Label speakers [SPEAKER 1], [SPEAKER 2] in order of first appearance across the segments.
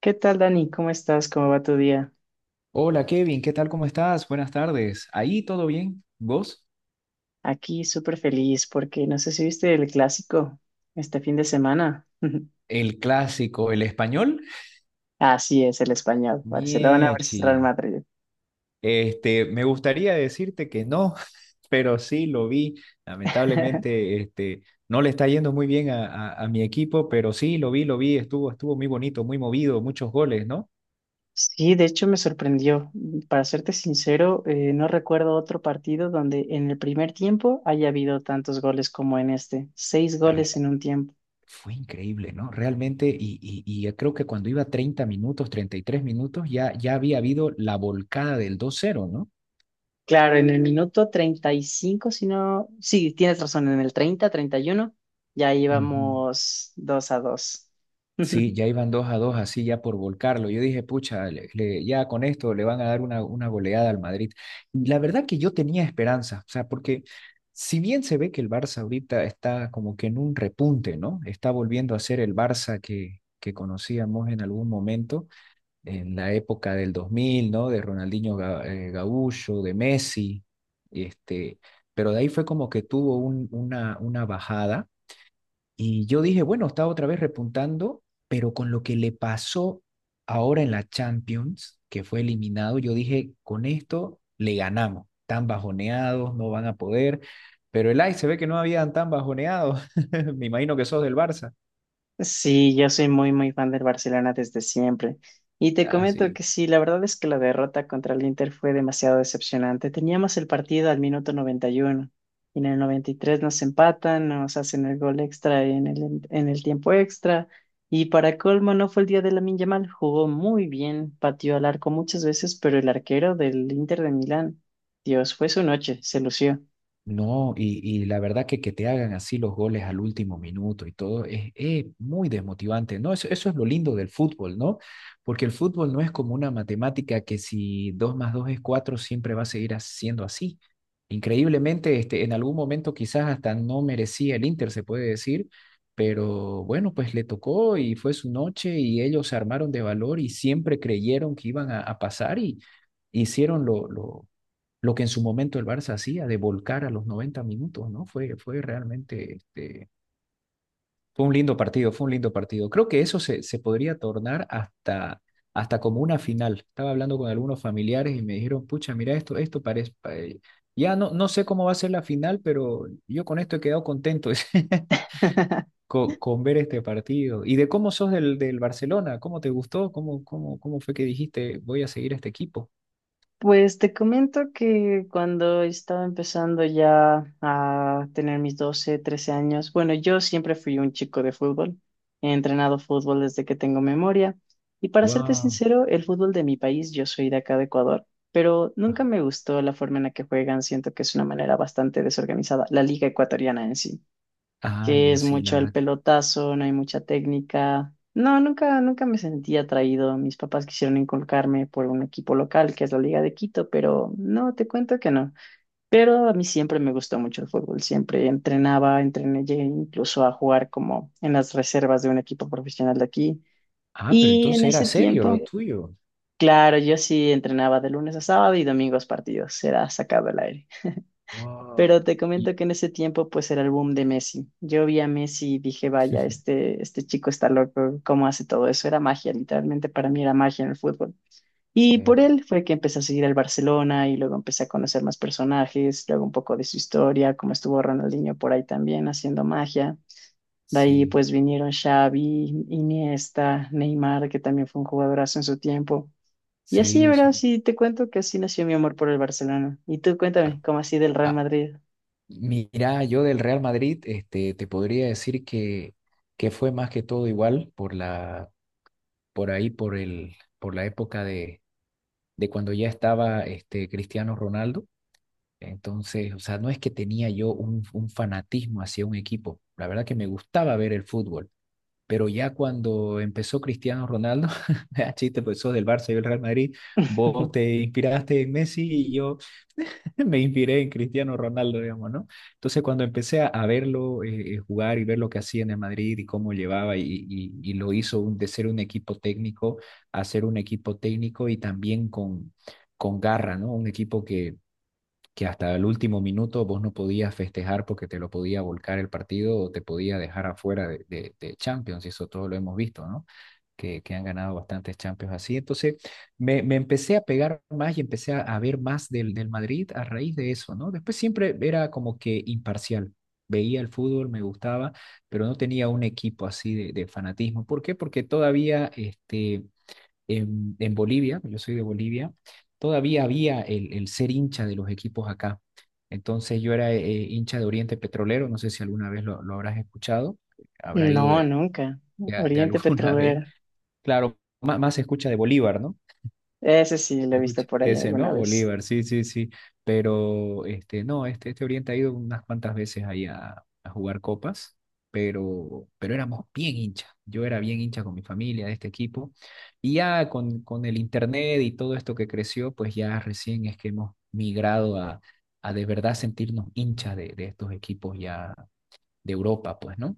[SPEAKER 1] ¿Qué tal, Dani? ¿Cómo estás? ¿Cómo va tu día?
[SPEAKER 2] Hola Kevin, ¿qué tal? ¿Cómo estás? Buenas tardes. ¿Ahí todo bien? ¿Vos?
[SPEAKER 1] Aquí súper feliz porque no sé si viste el clásico este fin de semana.
[SPEAKER 2] El clásico, el español.
[SPEAKER 1] Así es, el español, Barcelona versus Real
[SPEAKER 2] Miechi.
[SPEAKER 1] Madrid.
[SPEAKER 2] Me gustaría decirte que no, pero sí lo vi. Lamentablemente, no le está yendo muy bien a mi equipo, pero sí lo vi, lo vi. Estuvo muy bonito, muy movido, muchos goles, ¿no?
[SPEAKER 1] Sí, de hecho me sorprendió. Para serte sincero, no recuerdo otro partido donde en el primer tiempo haya habido tantos goles como en este. Seis goles
[SPEAKER 2] Re-
[SPEAKER 1] en un tiempo.
[SPEAKER 2] Fue increíble, ¿no? Realmente, y yo creo que cuando iba 30 minutos, 33 minutos, ya había habido la volcada del dos cero, ¿no?
[SPEAKER 1] Claro, en el minuto 35, si no, sí, tienes razón, en el 30, 31, ya
[SPEAKER 2] Ujú.
[SPEAKER 1] íbamos 2-2.
[SPEAKER 2] Sí, ya iban dos a dos así ya por volcarlo. Yo dije, pucha, ya con esto le van a dar una goleada al Madrid. Y la verdad que yo tenía esperanza, o sea, porque si bien se ve que el Barça ahorita está como que en un repunte, ¿no? Está volviendo a ser el Barça que conocíamos en algún momento, en la época del 2000, ¿no? De Ronaldinho Gaúcho, de Messi, este, pero de ahí fue como que tuvo una bajada y yo dije, bueno, está otra vez repuntando, pero con lo que le pasó ahora en la Champions, que fue eliminado, yo dije, con esto le ganamos. Tan bajoneados, no van a poder. Pero el Ajax se ve que no habían tan bajoneados. Me imagino que sos del Barça.
[SPEAKER 1] Sí, yo soy muy, muy fan del Barcelona desde siempre. Y te comento
[SPEAKER 2] Así.
[SPEAKER 1] que sí, la verdad es que la derrota contra el Inter fue demasiado decepcionante. Teníamos el partido al minuto 91 y en el 93 nos empatan, nos hacen el gol extra en el tiempo extra. Y para colmo, no fue el día de Lamine Yamal, jugó muy bien, pateó al arco muchas veces, pero el arquero del Inter de Milán, Dios, fue su noche, se lució.
[SPEAKER 2] No, y la verdad que te hagan así los goles al último minuto y todo es muy desmotivante, ¿no? Eso es lo lindo del fútbol, ¿no? Porque el fútbol no es como una matemática que si 2 más 2 es 4 siempre va a seguir siendo así. Increíblemente, en algún momento quizás hasta no merecía el Inter, se puede decir, pero bueno, pues le tocó y fue su noche y ellos se armaron de valor y siempre creyeron que iban a pasar y hicieron lo que en su momento el Barça hacía de volcar a los 90 minutos, ¿no? Fue realmente, fue un lindo partido, fue un lindo partido. Creo que eso se podría tornar hasta como una final. Estaba hablando con algunos familiares y me dijeron, pucha, mira esto, esto parece. Ya no, no sé cómo va a ser la final, pero yo con esto he quedado contento con ver este partido. ¿Y de cómo sos del Barcelona? ¿Cómo te gustó? ¿Cómo fue que dijiste, voy a seguir a este equipo?
[SPEAKER 1] Pues te comento que cuando estaba empezando ya a tener mis 12, 13 años, bueno, yo siempre fui un chico de fútbol, he entrenado fútbol desde que tengo memoria y para serte
[SPEAKER 2] Wow.
[SPEAKER 1] sincero, el fútbol de mi país, yo soy de acá de Ecuador, pero nunca me gustó la forma en la que juegan, siento que es una manera bastante desorganizada, la liga ecuatoriana en sí,
[SPEAKER 2] Ah,
[SPEAKER 1] que
[SPEAKER 2] ya
[SPEAKER 1] es
[SPEAKER 2] sí, la
[SPEAKER 1] mucho el
[SPEAKER 2] verdad.
[SPEAKER 1] pelotazo, no hay mucha técnica. No, nunca, nunca me sentí atraído. Mis papás quisieron inculcarme por un equipo local, que es la Liga de Quito, pero no, te cuento que no. Pero a mí siempre me gustó mucho el fútbol, siempre entrenaba, entrené, llegué incluso a jugar como en las reservas de un equipo profesional de aquí.
[SPEAKER 2] Ah, pero
[SPEAKER 1] Y
[SPEAKER 2] entonces
[SPEAKER 1] en
[SPEAKER 2] era
[SPEAKER 1] ese
[SPEAKER 2] serio
[SPEAKER 1] tiempo,
[SPEAKER 2] lo tuyo.
[SPEAKER 1] claro, yo sí entrenaba de lunes a sábado y domingos partidos, era sacado el aire. Pero
[SPEAKER 2] Wow.
[SPEAKER 1] te
[SPEAKER 2] Y,
[SPEAKER 1] comento que en ese tiempo pues era el boom de Messi. Yo vi a Messi y dije, vaya, este chico está loco, ¿cómo hace todo eso? Era magia, literalmente para mí era magia en el fútbol. Y
[SPEAKER 2] sí,
[SPEAKER 1] por él fue que empecé a seguir al Barcelona y luego empecé a conocer más personajes, luego un poco de su historia, como estuvo Ronaldinho por ahí también haciendo magia. De ahí
[SPEAKER 2] sí,
[SPEAKER 1] pues vinieron Xavi, Iniesta, Neymar, que también fue un jugadorazo en su tiempo. Y así,
[SPEAKER 2] sí,
[SPEAKER 1] ¿verdad? Sí, te cuento que así nació mi amor por el Barcelona. Y tú
[SPEAKER 2] ah,
[SPEAKER 1] cuéntame, ¿cómo así del Real
[SPEAKER 2] ah,
[SPEAKER 1] Madrid?
[SPEAKER 2] mira, yo del Real Madrid, te podría decir que fue más que todo igual por la, por ahí, por el, por la época de cuando ya estaba Cristiano Ronaldo. Entonces, o sea, no es que tenía yo un fanatismo hacia un equipo. La verdad que me gustaba ver el fútbol. Pero ya cuando empezó Cristiano Ronaldo, chiste, pues sos del Barça y del Real Madrid, vos te inspiraste en Messi y yo me inspiré en Cristiano Ronaldo, digamos, ¿no? Entonces cuando empecé a verlo jugar y ver lo que hacía en el Madrid y cómo llevaba y lo hizo de ser un equipo técnico a ser un equipo técnico y también con garra, ¿no? Un equipo que hasta el último minuto vos no podías festejar porque te lo podía volcar el partido o te podía dejar afuera de Champions, y eso todo lo hemos visto, ¿no? Que han ganado bastantes Champions así. Entonces, me empecé a pegar más y empecé a ver más del Madrid a raíz de eso, ¿no? Después siempre era como que imparcial veía el fútbol, me gustaba, pero no tenía un equipo así fanatismo. ¿Por qué? Porque todavía en Bolivia, yo soy de Bolivia, todavía había el ser hincha de los equipos acá. Entonces yo era hincha de Oriente Petrolero, no sé si alguna vez lo habrás escuchado, habrá ido
[SPEAKER 1] No,
[SPEAKER 2] de,
[SPEAKER 1] nunca.
[SPEAKER 2] de, de
[SPEAKER 1] Oriente
[SPEAKER 2] alguna vez.
[SPEAKER 1] Petrolero.
[SPEAKER 2] Claro, más se escucha de Bolívar, ¿no?
[SPEAKER 1] Ese sí lo he visto
[SPEAKER 2] Escucha,
[SPEAKER 1] por ahí
[SPEAKER 2] ese,
[SPEAKER 1] alguna
[SPEAKER 2] ¿no?
[SPEAKER 1] vez.
[SPEAKER 2] Bolívar, sí, sí, sí. Pero no, este Oriente ha ido unas cuantas veces ahí a jugar copas, pero éramos bien hinchas. Yo era bien hincha con mi familia de este equipo. Y ya con el internet y todo esto que creció, pues ya recién es que hemos migrado a de verdad sentirnos hinchas de estos equipos ya de Europa, pues, ¿no?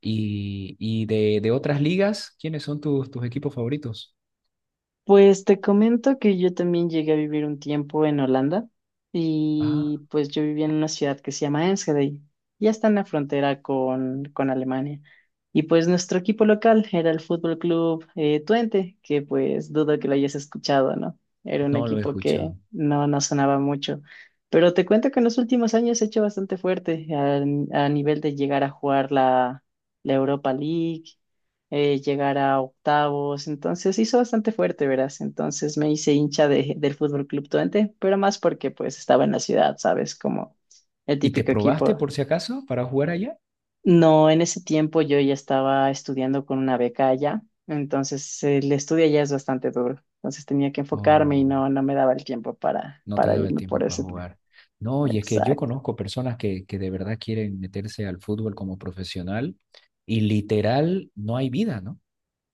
[SPEAKER 2] Y de otras ligas, ¿quiénes son tus equipos favoritos?
[SPEAKER 1] Pues te comento que yo también llegué a vivir un tiempo en Holanda
[SPEAKER 2] Ah,
[SPEAKER 1] y pues yo vivía en una ciudad que se llama Enschede, ya está en la frontera con Alemania. Y pues nuestro equipo local era el Fútbol Club Twente, que pues dudo que lo hayas escuchado, ¿no? Era un
[SPEAKER 2] no lo he
[SPEAKER 1] equipo que
[SPEAKER 2] escuchado.
[SPEAKER 1] no, no sonaba mucho. Pero te cuento que en los últimos años se ha hecho bastante fuerte a nivel de llegar a jugar la Europa League llegar a octavos, entonces hizo bastante fuerte, verás, entonces me hice hincha de, del Fútbol Club Twente, pero más porque pues estaba en la ciudad, ¿sabes? Como el
[SPEAKER 2] ¿Y te
[SPEAKER 1] típico
[SPEAKER 2] probaste
[SPEAKER 1] equipo.
[SPEAKER 2] por si acaso para jugar allá?
[SPEAKER 1] No, en ese tiempo yo ya estaba estudiando con una beca allá, entonces el estudio allá es bastante duro, entonces tenía que enfocarme y
[SPEAKER 2] ¿O
[SPEAKER 1] no, no me daba el tiempo para,
[SPEAKER 2] no te
[SPEAKER 1] para
[SPEAKER 2] daba el
[SPEAKER 1] irme por
[SPEAKER 2] tiempo para
[SPEAKER 1] ese.
[SPEAKER 2] jugar? No, y es que yo
[SPEAKER 1] Exacto,
[SPEAKER 2] conozco personas que de verdad quieren meterse al fútbol como profesional y literal no hay vida, ¿no?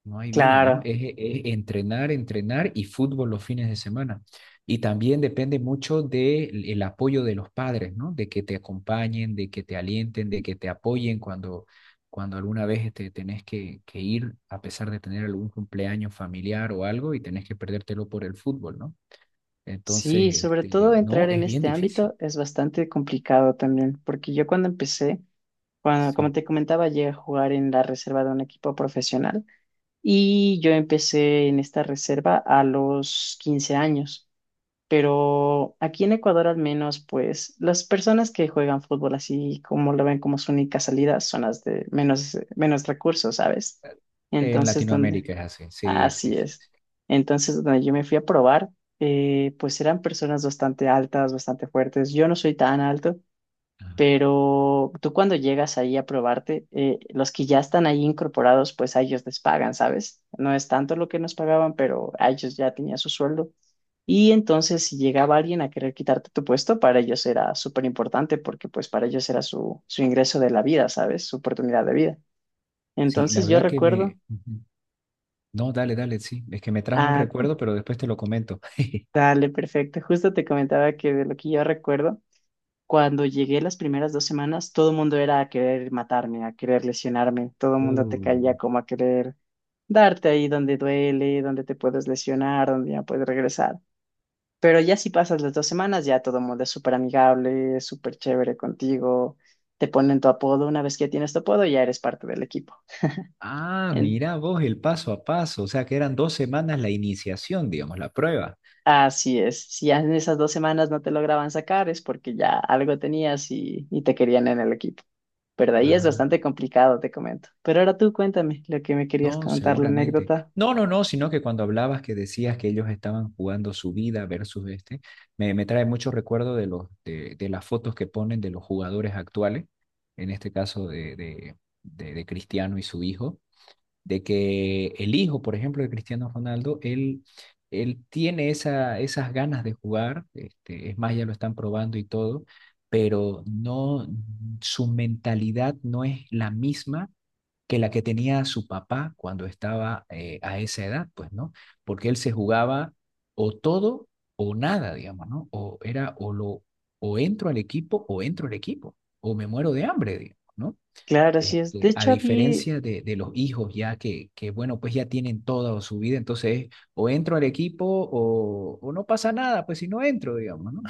[SPEAKER 2] No hay vida, ¿no?
[SPEAKER 1] claro.
[SPEAKER 2] Es entrenar, entrenar y fútbol los fines de semana. Y también depende mucho del el apoyo de los padres, ¿no? De que te acompañen, de que te alienten, de que te apoyen cuando alguna vez te tenés que ir, a pesar de tener algún cumpleaños familiar o algo, y tenés que perdértelo por el fútbol, ¿no? Entonces,
[SPEAKER 1] Sí, sobre todo
[SPEAKER 2] no,
[SPEAKER 1] entrar en
[SPEAKER 2] es bien
[SPEAKER 1] este
[SPEAKER 2] difícil.
[SPEAKER 1] ámbito es bastante complicado también, porque yo cuando empecé, cuando, como
[SPEAKER 2] Sí.
[SPEAKER 1] te comentaba, llegué a jugar en la reserva de un equipo profesional y yo empecé en esta reserva a los 15 años. Pero aquí en Ecuador al menos, pues las personas que juegan fútbol así como lo ven como su única salida son las de menos, menos recursos, ¿sabes?
[SPEAKER 2] En
[SPEAKER 1] Entonces, donde,
[SPEAKER 2] Latinoamérica es así. Sí, sí,
[SPEAKER 1] así
[SPEAKER 2] sí.
[SPEAKER 1] es.
[SPEAKER 2] Sí.
[SPEAKER 1] Entonces, donde yo me fui a probar, pues eran personas bastante altas, bastante fuertes. Yo no soy tan alto.
[SPEAKER 2] Ah,
[SPEAKER 1] Pero tú cuando llegas ahí a probarte, los que ya están ahí incorporados, pues a ellos les pagan, ¿sabes? No es tanto lo que nos pagaban, pero a ellos ya tenían su sueldo. Y entonces si llegaba alguien a querer quitarte tu puesto, para ellos era súper importante porque pues para ellos era su, su ingreso de la vida, ¿sabes? Su oportunidad de vida.
[SPEAKER 2] sí, la
[SPEAKER 1] Entonces yo
[SPEAKER 2] verdad que
[SPEAKER 1] recuerdo,
[SPEAKER 2] me... Ujú. No, dale, dale, sí. Es que me trajo un
[SPEAKER 1] ah,
[SPEAKER 2] recuerdo, pero después te lo comento.
[SPEAKER 1] dale, perfecto, justo te comentaba que de lo que yo recuerdo. Cuando llegué las primeras dos semanas, todo el mundo era a querer matarme, a querer lesionarme, todo el mundo te caía
[SPEAKER 2] Uh,
[SPEAKER 1] como a querer darte ahí donde duele, donde te puedes lesionar, donde ya puedes regresar. Pero ya si pasas las dos semanas, ya todo el mundo es súper amigable, súper chévere contigo, te ponen tu apodo, una vez que tienes tu apodo ya eres parte del equipo.
[SPEAKER 2] Ah,
[SPEAKER 1] En-
[SPEAKER 2] mira vos el paso a paso. O sea, que eran dos semanas la iniciación, digamos, la prueba.
[SPEAKER 1] Así es, si ya en esas dos semanas no te lograban sacar es porque ya algo tenías y te querían en el equipo. Pero de ahí es
[SPEAKER 2] Ah,
[SPEAKER 1] bastante complicado, te comento. Pero ahora tú cuéntame lo que me querías
[SPEAKER 2] no,
[SPEAKER 1] contar, la
[SPEAKER 2] seguramente.
[SPEAKER 1] anécdota.
[SPEAKER 2] No, no, no, sino que cuando hablabas que decías que ellos estaban jugando su vida versus me trae mucho recuerdo de los, de las fotos que ponen de los jugadores actuales, en este caso de Cristiano y su hijo de que el hijo, por ejemplo, de Cristiano Ronaldo, él tiene esas ganas de jugar, es más, ya lo están probando y todo, pero no, su mentalidad no es la misma que la que tenía su papá cuando estaba a esa edad, pues, ¿no? Porque él se jugaba o todo o nada, digamos, ¿no? O era o entro al equipo o entro al equipo o me muero de hambre, digamos, ¿no?
[SPEAKER 1] Claro, así es. De
[SPEAKER 2] A
[SPEAKER 1] hecho, había,
[SPEAKER 2] diferencia de los hijos ya bueno, pues ya tienen toda su vida, entonces o entro al equipo o no pasa nada, pues si no entro, digamos, ¿no?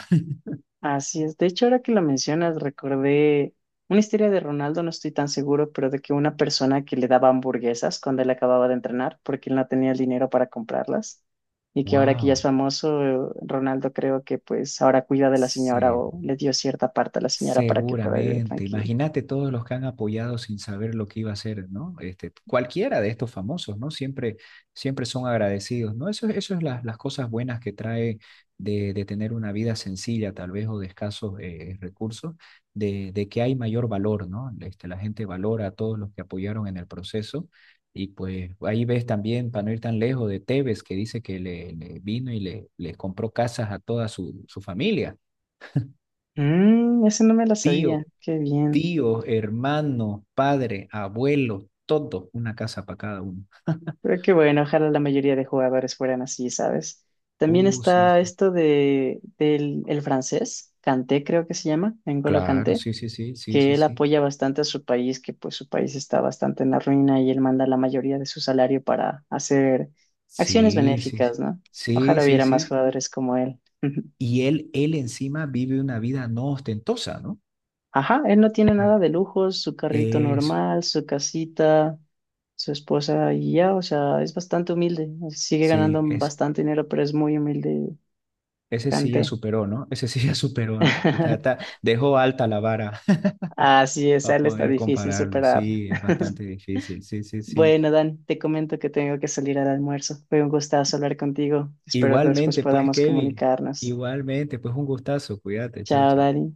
[SPEAKER 1] así es. De hecho, ahora que lo mencionas, recordé una historia de Ronaldo, no estoy tan seguro, pero de que una persona que le daba hamburguesas cuando él acababa de entrenar, porque él no tenía el dinero para comprarlas. Y que ahora que ya
[SPEAKER 2] Wow,
[SPEAKER 1] es famoso, Ronaldo creo que pues ahora cuida de la señora
[SPEAKER 2] se
[SPEAKER 1] o le dio cierta parte a la señora para que pueda vivir
[SPEAKER 2] Seguramente,
[SPEAKER 1] tranquilo.
[SPEAKER 2] imagínate todos los que han apoyado sin saber lo que iba a hacer, ¿no? Cualquiera de estos famosos, ¿no? Siempre, siempre son agradecidos, ¿no? Eso es las cosas buenas que trae de tener una vida sencilla, tal vez, o de escasos recursos, de que hay mayor valor, ¿no? La gente valora a todos los que apoyaron en el proceso. Y pues ahí ves también, para no ir tan lejos, de Tevez, que dice que le vino y le compró casas a toda su familia.
[SPEAKER 1] Mmm, ese no me la sabía.
[SPEAKER 2] Tío,
[SPEAKER 1] Qué bien.
[SPEAKER 2] tío, hermano, padre, abuelo, todo, una casa para cada uno.
[SPEAKER 1] Pero qué bueno, ojalá la mayoría de jugadores fueran así, ¿sabes? También
[SPEAKER 2] Sí,
[SPEAKER 1] está
[SPEAKER 2] sí, sí.
[SPEAKER 1] esto de, del el francés, Kanté creo que se llama, N'Golo
[SPEAKER 2] Claro,
[SPEAKER 1] Kanté,
[SPEAKER 2] sí, sí, sí, sí,
[SPEAKER 1] que
[SPEAKER 2] sí,
[SPEAKER 1] él
[SPEAKER 2] sí.
[SPEAKER 1] apoya bastante a su país, que pues su país está bastante en la ruina y él manda la mayoría de su salario para hacer acciones
[SPEAKER 2] Sí, sí, sí,
[SPEAKER 1] benéficas, ¿no?
[SPEAKER 2] sí,
[SPEAKER 1] Ojalá
[SPEAKER 2] sí,
[SPEAKER 1] hubiera más
[SPEAKER 2] sí.
[SPEAKER 1] jugadores como él.
[SPEAKER 2] Y él encima vive una vida no ostentosa, ¿no?
[SPEAKER 1] Ajá, él no tiene
[SPEAKER 2] Ah,
[SPEAKER 1] nada de lujos, su carrito
[SPEAKER 2] eso,
[SPEAKER 1] normal, su casita, su esposa y ya, o sea, es bastante humilde. Sigue ganando
[SPEAKER 2] sí,
[SPEAKER 1] bastante dinero, pero es muy humilde,
[SPEAKER 2] ese sí ya
[SPEAKER 1] Canté.
[SPEAKER 2] superó, ¿no? Ese sí ya superó, ¿no? Dejó alta la vara
[SPEAKER 1] Así es, a
[SPEAKER 2] para
[SPEAKER 1] él está
[SPEAKER 2] poder
[SPEAKER 1] difícil
[SPEAKER 2] compararlo,
[SPEAKER 1] superar.
[SPEAKER 2] sí, es bastante difícil, sí, sí, sí.
[SPEAKER 1] Bueno, Dan, te comento que tengo que salir al almuerzo. Fue un gustazo hablar contigo. Espero después
[SPEAKER 2] Igualmente, pues,
[SPEAKER 1] podamos
[SPEAKER 2] Kevin,
[SPEAKER 1] comunicarnos.
[SPEAKER 2] igualmente, pues, un gustazo, cuídate, chao,
[SPEAKER 1] Chao,
[SPEAKER 2] chao.
[SPEAKER 1] Dani.